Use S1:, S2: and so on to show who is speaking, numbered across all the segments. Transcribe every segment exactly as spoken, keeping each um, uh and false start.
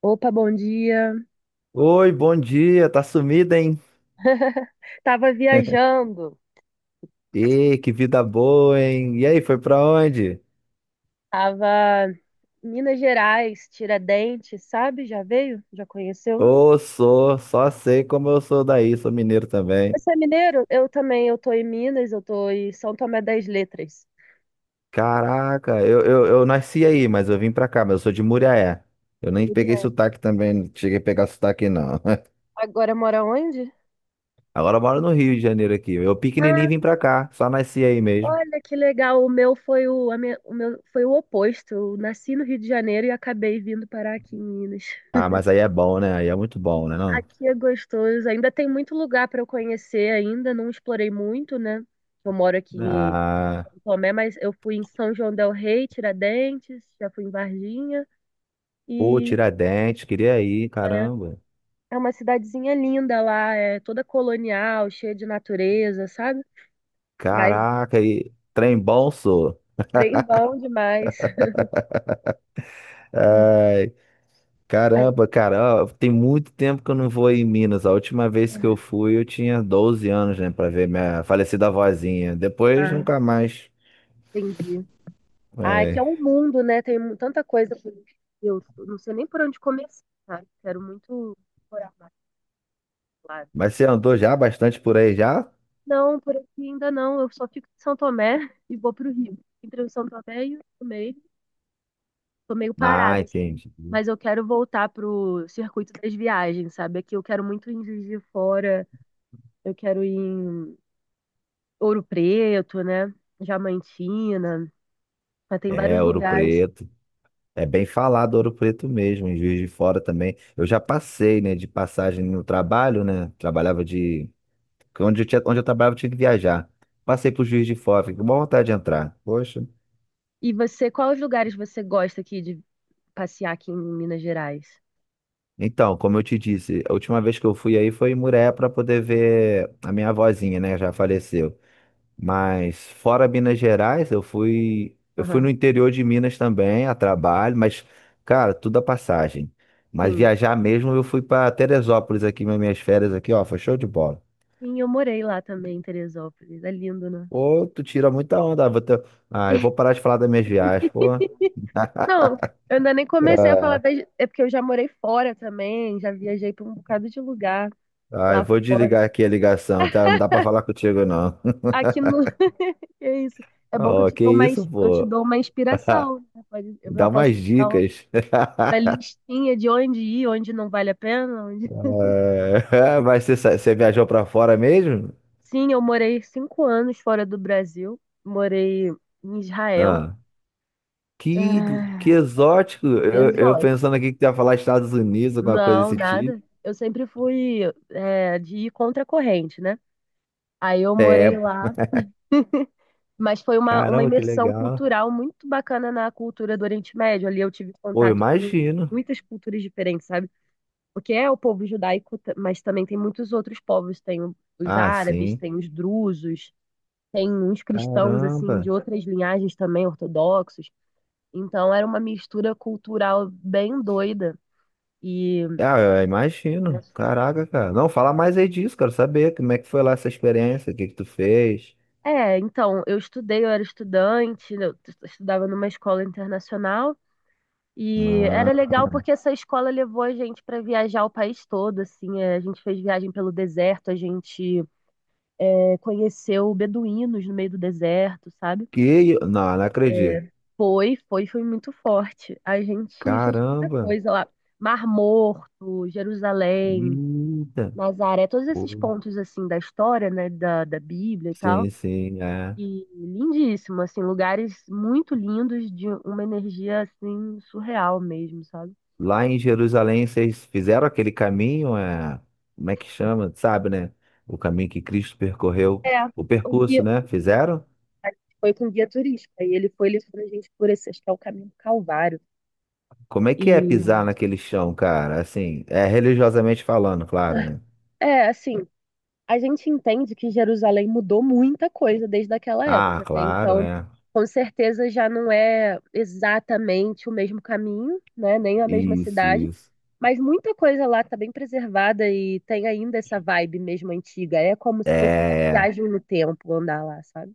S1: Opa, bom dia.
S2: Oi, bom dia, tá sumida, hein?
S1: Tava viajando,
S2: Ih, que vida boa, hein? E aí, foi pra onde?
S1: tava em Minas Gerais, Tiradentes, sabe? Já veio? Já conheceu?
S2: Ô, sou, só sei como eu sou daí, sou mineiro também.
S1: Você é mineiro? Eu também, eu tô em Minas, eu tô em São Tomé das Letras.
S2: Caraca, eu, eu, eu nasci aí, mas eu vim pra cá, mas eu sou de Muriaé. Eu nem peguei
S1: Queria-
S2: sotaque também, não cheguei a pegar sotaque não.
S1: Agora mora onde?
S2: Agora eu moro no Rio de Janeiro aqui. Eu pequenininho
S1: Ah,
S2: vim pra cá, só nasci aí mesmo.
S1: olha que legal. O meu foi o, a minha- o meu foi o oposto. Eu nasci no Rio de Janeiro e acabei vindo parar aqui em Minas.
S2: Ah, mas aí é bom, né? Aí é muito bom, né não?
S1: Aqui é gostoso. Ainda tem muito lugar para eu conhecer ainda, não explorei muito, né? Eu moro aqui
S2: Ah,
S1: Tomé, mas eu fui em São João del Rei, Tiradentes, já fui em Varginha
S2: pô,
S1: e
S2: Tiradentes, queria ir,
S1: é,
S2: caramba.
S1: é uma cidadezinha linda lá, é toda colonial, cheia de natureza, sabe? Mas
S2: Caraca, e trem bom, sou.
S1: trem bom demais. E
S2: Ai,
S1: aí,
S2: caramba, cara, ó, tem muito tempo que eu não vou em Minas. A última vez que eu fui, eu tinha doze anos, né, pra ver minha falecida avózinha. Depois,
S1: ah,
S2: nunca mais.
S1: entendi. Ah, é que é
S2: Ai.
S1: um mundo, né? Tem mu- tanta coisa. por- Eu não sei nem por onde começar, sabe? Quero muito morar mais lá.
S2: Mas você andou já bastante por aí já?
S1: Não, por aqui ainda não. Eu só fico em São Tomé e vou pro Rio. Entre o São Tomé e o Tomé. Tô meio
S2: Ah,
S1: parada, assim,
S2: entendi.
S1: mas eu quero voltar pro circuito das viagens, sabe? Aqui eu quero muito ir em Juiz de Fora, eu quero ir em Ouro Preto, né? Diamantina, mas tem vários
S2: É, Ouro
S1: lugares.
S2: Preto. É bem falado Ouro Preto mesmo, em Juiz de Fora também. Eu já passei, né, de passagem no trabalho, né? Trabalhava de que onde eu tinha, onde eu trabalhava, eu tinha que viajar. Passei pro Juiz de Fora, fiquei com boa vontade de entrar. Poxa.
S1: E você, quais lugares você gosta aqui de passear aqui em Minas Gerais?
S2: Então, como eu te disse, a última vez que eu fui aí foi em Muré para poder ver a minha avózinha, né? Já faleceu. Mas fora Minas Gerais, eu fui, eu fui no
S1: Aham,
S2: interior de Minas também, a trabalho, mas, cara, tudo a passagem. Mas
S1: sim.
S2: viajar mesmo, eu fui para Teresópolis aqui, nas minhas férias aqui, ó, foi show de bola.
S1: Sim, eu morei lá também, em Teresópolis. É lindo, né?
S2: Pô, tu tira muita onda. ah, Vou ter... Ah, eu vou parar de falar das minhas viagens, pô.
S1: Não, eu ainda nem comecei a
S2: Ah,
S1: falar das... É porque eu já morei fora também, já viajei pra um bocado de lugar
S2: Ah, eu
S1: lá
S2: vou
S1: fora.
S2: desligar aqui a ligação, tá? Não dá pra falar contigo, não.
S1: Aqui no. É isso. É bom que eu
S2: Oh,
S1: te
S2: que
S1: dou uma,
S2: isso,
S1: ins- eu te
S2: pô?
S1: dou uma inspiração. Né? Pode- Eu
S2: Dá
S1: já posso
S2: umas
S1: dar um,
S2: dicas.
S1: uma listinha de onde ir, onde não vale a pena. onde-
S2: É, mas você, sa- você viajou pra fora mesmo?
S1: Sim, eu morei cinco anos fora do Brasil. Morei em Israel.
S2: Ah, que,
S1: É...
S2: que exótico. Eu, eu
S1: Exótico.
S2: pensando aqui que tu ia falar Estados Unidos, alguma coisa
S1: Não,
S2: desse tipo.
S1: nada. Eu sempre fui é, de ir contra a corrente, né? Aí eu
S2: É,
S1: morei lá, mas foi uma, uma
S2: caramba, que
S1: imersão
S2: legal.
S1: cultural muito bacana na cultura do Oriente Médio. Ali eu tive
S2: Pô, eu
S1: contato com
S2: imagino.
S1: muitas culturas diferentes, sabe? Porque é o povo judaico, ta- mas também tem muitos outros povos, tem o- os
S2: Ah,
S1: árabes,
S2: sim.
S1: tem os drusos, tem uns cristãos assim
S2: Caramba.
S1: de outras linhagens também ortodoxos. Então era uma mistura cultural bem doida. E
S2: Ah, eu imagino. Caraca, cara. Não, fala mais aí disso, quero saber como é que foi lá essa experiência, o que que tu fez.
S1: é, então, eu estudei, eu era estudante, eu t- estudava numa escola internacional e era
S2: Ah,
S1: legal porque essa escola levou a gente para viajar o país todo, assim, é, a gente fez viagem pelo deserto, a gente é, conheceu beduínos no meio do deserto, sabe?
S2: que... Não, não acredito.
S1: Foi, foi, foi muito forte. A gente fez muita
S2: Caramba.
S1: coisa lá. Mar Morto, Jerusalém,
S2: Eita.
S1: Nazaré, todos esses
S2: Pô,
S1: pontos assim da história, né, da, da Bíblia e tal.
S2: sim, sim, é.
S1: E lindíssimo, assim, lugares muito lindos de uma energia assim surreal mesmo, sabe?
S2: Lá em Jerusalém, vocês fizeram aquele caminho, é... como é que chama? Sabe, né? O caminho que Cristo percorreu.
S1: É,
S2: O
S1: o
S2: percurso,
S1: guia
S2: né? Fizeram?
S1: foi com guia turístico, e ele foi levando a gente por esse, acho que é o caminho do Calvário.
S2: Como é que é pisar
S1: E
S2: naquele chão, cara? Assim, é religiosamente falando, claro, né?
S1: É, assim, a gente entende que Jerusalém mudou muita coisa desde aquela
S2: Ah,
S1: época, né?
S2: claro,
S1: Então,
S2: é.
S1: com certeza já não é exatamente o mesmo caminho, né? Nem a mesma
S2: Isso,
S1: cidade,
S2: isso.
S1: mas muita coisa lá está bem preservada e tem ainda essa vibe mesmo antiga. É como
S2: É.
S1: se fosse uma
S2: É.
S1: viagem no tempo andar lá, sabe?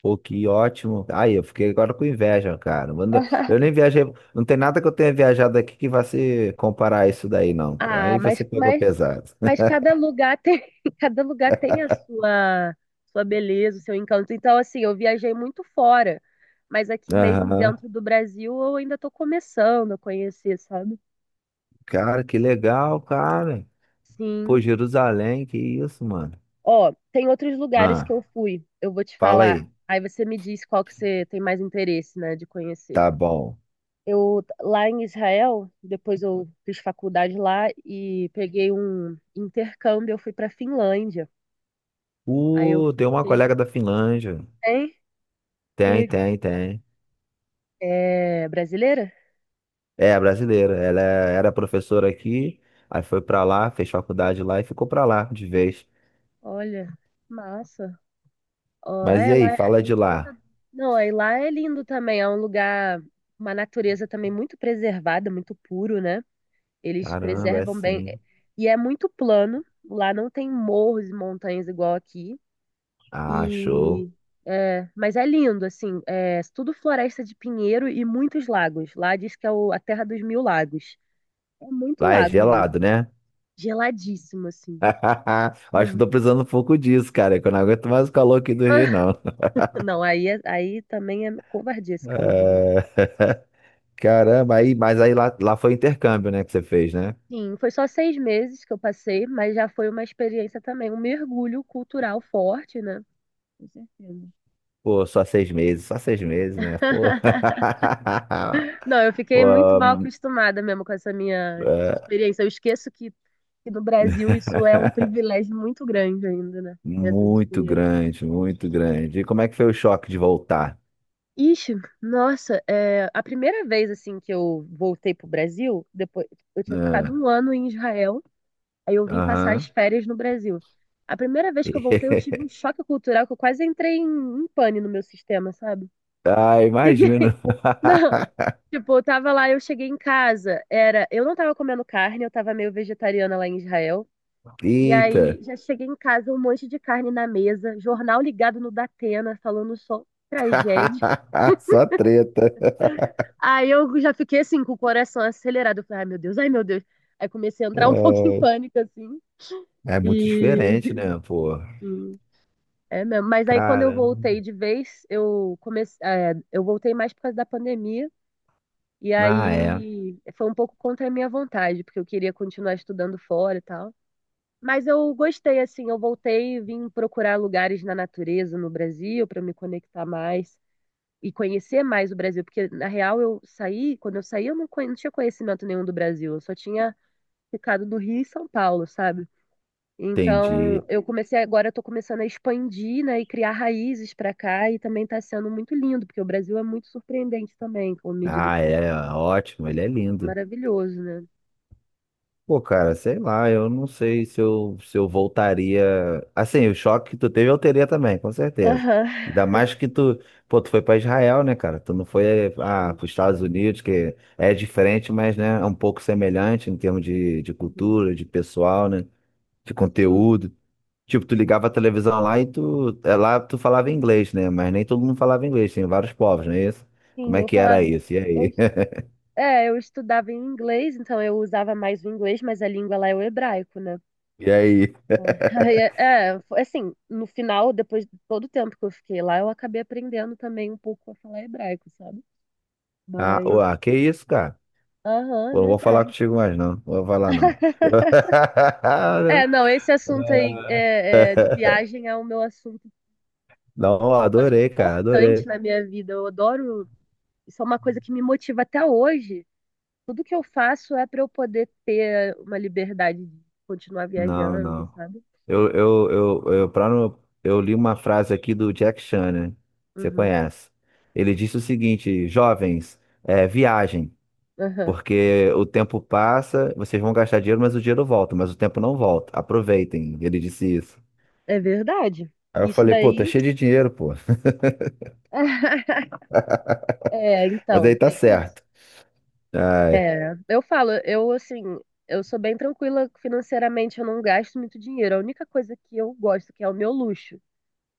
S2: Pô, que ótimo. Aí, eu fiquei agora com inveja, cara. Manda- Eu nem viajei. Não tem nada que eu tenha viajado aqui que vá se comparar a isso daí, não. Pô.
S1: Ah,
S2: Aí
S1: mas,
S2: você pegou
S1: mas
S2: pesado.
S1: Mas cada lugar tem, cada lugar tem a sua, sua, beleza, o seu encanto. Então, assim, eu viajei muito fora, mas aqui mesmo
S2: Aham.
S1: dentro do Brasil eu ainda estou começando a conhecer, sabe?
S2: Cara, que legal, cara. Pô,
S1: Sim.
S2: Jerusalém, que isso, mano.
S1: Ó, tem outros lugares que
S2: Ah,
S1: eu fui, eu vou te
S2: fala
S1: falar.
S2: aí.
S1: Aí você me diz qual que você tem mais interesse, né, de conhecer.
S2: Tá bom.
S1: Eu, lá em Israel, depois eu fiz faculdade lá e peguei um intercâmbio, eu fui para Finlândia. Aí eu
S2: Uh, tem uma
S1: fiquei,
S2: colega da Finlândia.
S1: hein?
S2: Tem, tem, tem.
S1: É brasileira?
S2: É, brasileira. Ela é- era professora aqui, aí foi pra lá, fez faculdade lá e ficou pra lá de vez.
S1: Olha, massa. Ó,
S2: Mas e
S1: é, lá
S2: aí,
S1: é,
S2: fala
S1: é
S2: de lá.
S1: encantador. Não, aí lá é lindo também. É um lugar, uma natureza também muito preservada, muito puro, né? Eles
S2: Caramba, é
S1: preservam bem. é,
S2: assim.
S1: E é muito plano. Lá não tem morros e montanhas igual aqui.
S2: Ah, show.
S1: E é, mas é lindo, assim. É tudo floresta de pinheiro e muitos lagos. Lá diz que é o- a terra dos mil lagos. É muito
S2: Lá é
S1: lago mesmo.
S2: gelado, né?
S1: Geladíssimo, assim.
S2: Acho que
S1: Muito.
S2: tô precisando um pouco disso, cara, é que eu não aguento mais o calor aqui do Rio, não.
S1: Não, aí, é- aí também é covardia esse calor do Rio.
S2: É, caramba, aí, mas aí lá, lá foi intercâmbio, né, que você fez, né?
S1: Sim, foi só seis meses que eu passei, mas já foi uma experiência também, um mergulho cultural forte, né? Com certeza.
S2: Pô, só seis meses, só seis meses, né? Pô.
S1: Não, eu fiquei muito mal
S2: Pô,
S1: acostumada mesmo com essa minha
S2: é,
S1: experiência. Eu esqueço que, que no Brasil isso é um privilégio muito grande ainda, né? Essas
S2: muito
S1: experiências.
S2: grande, muito grande. E como é que foi o choque de voltar?
S1: Ixi, nossa, é, a primeira vez assim que eu voltei pro Brasil, depois eu tinha ficado
S2: Ah,
S1: um ano em Israel. Aí eu vim passar as
S2: aham.
S1: férias no Brasil. A primeira vez que eu voltei, eu tive um choque cultural que eu quase entrei em, em pane no meu sistema, sabe?
S2: Ah,
S1: Cheguei,
S2: imagino.
S1: não. Tipo, eu tava lá, eu cheguei em casa, era, eu não tava comendo carne, eu tava meio vegetariana lá em Israel. E
S2: Eita.
S1: aí já cheguei em casa, um monte de carne na mesa, jornal ligado no Datena, falando só tragédia.
S2: Só treta.
S1: Aí eu já fiquei assim, com o coração acelerado. Eu falei, ai meu Deus, ai meu Deus. Aí comecei a entrar um pouco em pânico, assim.
S2: É, é muito
S1: E,
S2: diferente, né, pô?
S1: É mesmo. Mas aí quando eu
S2: Cara,
S1: voltei de vez, eu comecei, é, eu voltei mais por causa da pandemia. E
S2: ah, é,
S1: aí foi um pouco contra a minha vontade, porque eu queria continuar estudando fora e tal. Mas eu gostei, assim, eu voltei e vim procurar lugares na natureza no Brasil para me conectar mais e conhecer mais o Brasil, porque na real eu saí, quando eu saí eu não, conhe- não tinha conhecimento nenhum do Brasil, eu só tinha ficado no Rio e São Paulo, sabe? Então,
S2: entendi.
S1: eu comecei agora, eu tô começando a expandir, né, e criar raízes para cá e também está sendo muito lindo, porque o Brasil é muito surpreendente também, com a medida
S2: Ah,
S1: que é
S2: é, ótimo, ele é lindo.
S1: maravilhoso, né?
S2: Pô, cara, sei lá, eu não sei se eu, se eu voltaria. Assim, o choque que tu teve eu teria também, com certeza.
S1: Aham.
S2: Ainda mais que tu, pô, tu foi pra Israel, né, cara? Tu não foi, ah,
S1: Sim,
S2: pros Estados Unidos, que é diferente, mas, né, é um pouco semelhante em termos de, de
S1: Uhum.
S2: cultura, de pessoal, né, de
S1: Sim.
S2: conteúdo. Tipo, tu ligava a televisão lá e tu, é, lá tu falava inglês, né? Mas nem todo mundo falava inglês, tinha vários povos, não é isso? Como
S1: Sim,
S2: é
S1: eu
S2: que era
S1: falava,
S2: isso? E
S1: eu,
S2: aí?
S1: é, eu estudava em inglês, então eu usava mais o inglês, mas a língua lá é o hebraico, né?
S2: E aí?
S1: É, Aí, é, é, foi assim, no final, depois de todo o tempo que eu fiquei lá, eu acabei aprendendo também um pouco a falar hebraico, sabe?
S2: Ah,
S1: Mas,
S2: uá, que isso, cara?
S1: aham, é
S2: Pô, não vou falar
S1: verdade.
S2: contigo mais, não. Não vou falar, não.
S1: É, não, esse assunto aí é, é, de viagem é o meu assunto,
S2: Não,
S1: um assunto
S2: adorei, cara,
S1: importante
S2: adorei.
S1: na minha vida. Eu adoro, isso é uma coisa que me motiva até hoje. Tudo que eu faço é para eu poder ter uma liberdade de continuar
S2: Não,
S1: viajando,
S2: não.
S1: sabe?
S2: Eu, eu, eu, eu, pra não- eu li uma frase aqui do Jack Chan, né? Você
S1: Uhum,
S2: conhece. Ele disse o seguinte, jovens, é, viajem.
S1: aham.
S2: Porque o tempo passa, vocês vão gastar dinheiro, mas o dinheiro volta, mas o tempo não volta. Aproveitem. Ele disse isso.
S1: É verdade.
S2: Aí eu
S1: Isso
S2: falei, pô,
S1: daí.
S2: tá cheio de dinheiro, pô.
S1: É,
S2: Mas
S1: então,
S2: aí tá
S1: tem isso.
S2: certo. Ai,
S1: É, eu falo, eu assim, eu sou bem tranquila financeiramente, eu não gasto muito dinheiro. A única coisa que eu gosto, que é o meu luxo.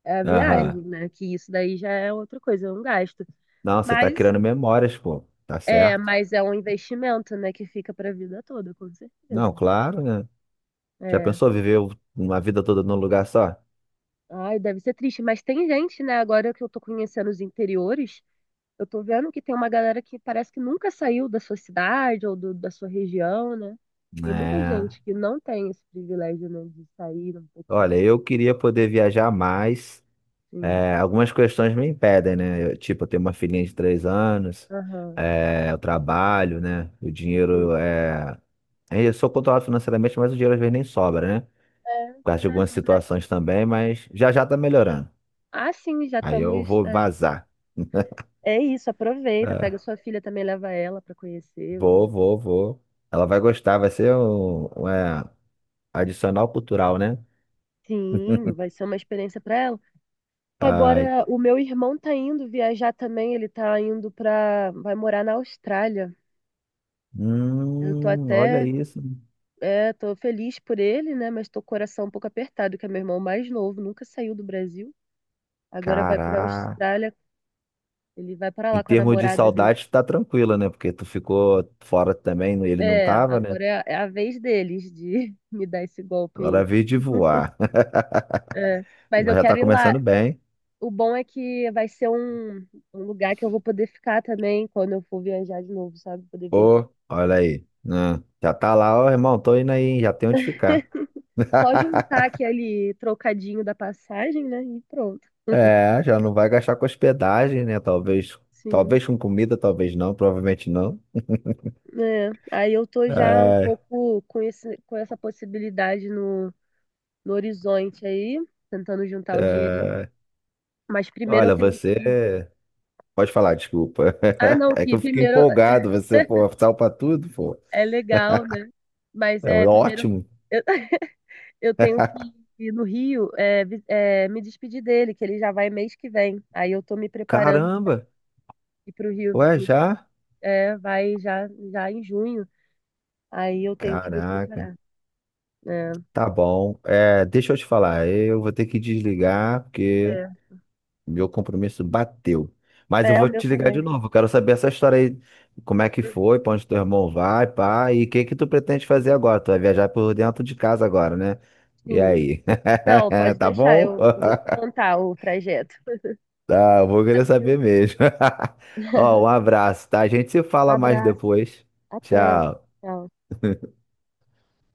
S1: É a
S2: aham.
S1: viagem, né? Que isso daí já é outra coisa, é um gasto.
S2: Não, você tá
S1: Mas
S2: criando memórias, pô. Tá
S1: é,
S2: certo.
S1: mas é um investimento, né? Que fica para a vida toda, com
S2: Não,
S1: certeza.
S2: claro, né? Já
S1: É.
S2: pensou viver uma vida toda num lugar só?
S1: Ai, deve ser triste. Mas tem gente, né? Agora que eu tô conhecendo os interiores, eu tô vendo que tem uma galera que parece que nunca saiu da sua cidade ou do- da sua região, né? Tem muita
S2: É.
S1: gente que não tem esse privilégio, né? De sair um pouquinho.
S2: Olha, eu queria poder viajar mais.
S1: Sim.
S2: É, algumas questões me impedem, né? Eu, tipo, eu tenho uma filhinha de três anos,
S1: Aham.
S2: é, eu trabalho, né? O
S1: Sim.
S2: dinheiro é. É, eu sou controlado financeiramente, mas o dinheiro às vezes nem sobra, né?
S1: É,
S2: Por causa
S1: pois
S2: de
S1: é,
S2: algumas
S1: complexo.
S2: situações também, mas já já tá melhorando.
S1: Ah, sim, já
S2: Aí eu
S1: estamos.
S2: vou
S1: é,
S2: vazar.
S1: É isso, aproveita,
S2: É,
S1: pega sua filha também, leva ela para conhecer os
S2: vou,
S1: lugares.
S2: vou, vou. Ela vai gostar, vai ser um, um, é, adicional cultural, né?
S1: Sim, vai ser uma experiência para ela.
S2: Ai,
S1: Agora, o meu irmão tá indo viajar também, ele tá indo para, vai morar na Austrália. Eu tô
S2: hum, olha
S1: até,
S2: isso.
S1: é, tô feliz por ele, né, mas tô com o coração um pouco apertado, que é meu irmão mais novo, nunca saiu do Brasil. Agora vai para
S2: Caraca.
S1: Austrália, ele vai para
S2: Em
S1: lá com a
S2: termos de
S1: namorada dele.
S2: saudade, tá tranquila, né? Porque tu ficou fora também, ele não
S1: É,
S2: tava, né?
S1: agora é a, é a vez deles de me dar esse golpe
S2: Agora
S1: aí.
S2: veio de voar.
S1: É. Mas eu
S2: Mas já tá
S1: quero ir lá.
S2: começando bem.
S1: O bom é que vai ser um, um lugar que eu vou poder ficar também quando eu for viajar de novo, sabe? Poder viajar.
S2: Ô, olha aí. Ah, já tá lá, ó, irmão, tô indo aí, hein? Já tem onde ficar.
S1: Só juntar aquele trocadinho da passagem, né? E pronto.
S2: É, já não vai gastar com hospedagem, né? Talvez,
S1: Sim.
S2: talvez com comida, talvez não, provavelmente não.
S1: É. Aí eu tô já um
S2: Ai,
S1: pouco com esse, com essa possibilidade no, no, horizonte aí, tentando juntar o dinheirinho. Mas primeiro eu
S2: olha,
S1: tenho que.
S2: você. Pode falar, desculpa.
S1: Ah, não,
S2: É que
S1: que
S2: eu fiquei
S1: primeiro
S2: empolgado, você, pô, salpa tudo, pô.
S1: é legal, né? Mas
S2: É
S1: é primeiro.
S2: ótimo.
S1: Eu, eu tenho que ir no Rio, é, vi- é, me despedir dele, que ele já vai mês que vem. Aí eu tô me preparando
S2: Caramba,
S1: ir pro Rio,
S2: ué,
S1: me-
S2: já?
S1: é, vai já, já em junho. Aí eu tenho que me
S2: Caraca,
S1: preparar. É,
S2: tá bom. É, deixa eu te falar, eu vou ter que desligar porque
S1: é,
S2: meu compromisso bateu. Mas eu
S1: é o
S2: vou
S1: meu
S2: te ligar de
S1: também.
S2: novo. Eu quero saber essa história aí, como é que foi, pra onde teu irmão vai, pá, e o que que tu pretende fazer agora? Tu vai viajar por dentro de casa agora, né? E
S1: Sim.
S2: aí?
S1: Não, pode
S2: Tá
S1: deixar,
S2: bom?
S1: eu, eu vou te contar o trajeto.
S2: Tá, eu vou querer saber mesmo. Ó, um abraço, tá? A gente se fala mais
S1: Abraço,
S2: depois.
S1: até.
S2: Tchau.
S1: Tchau.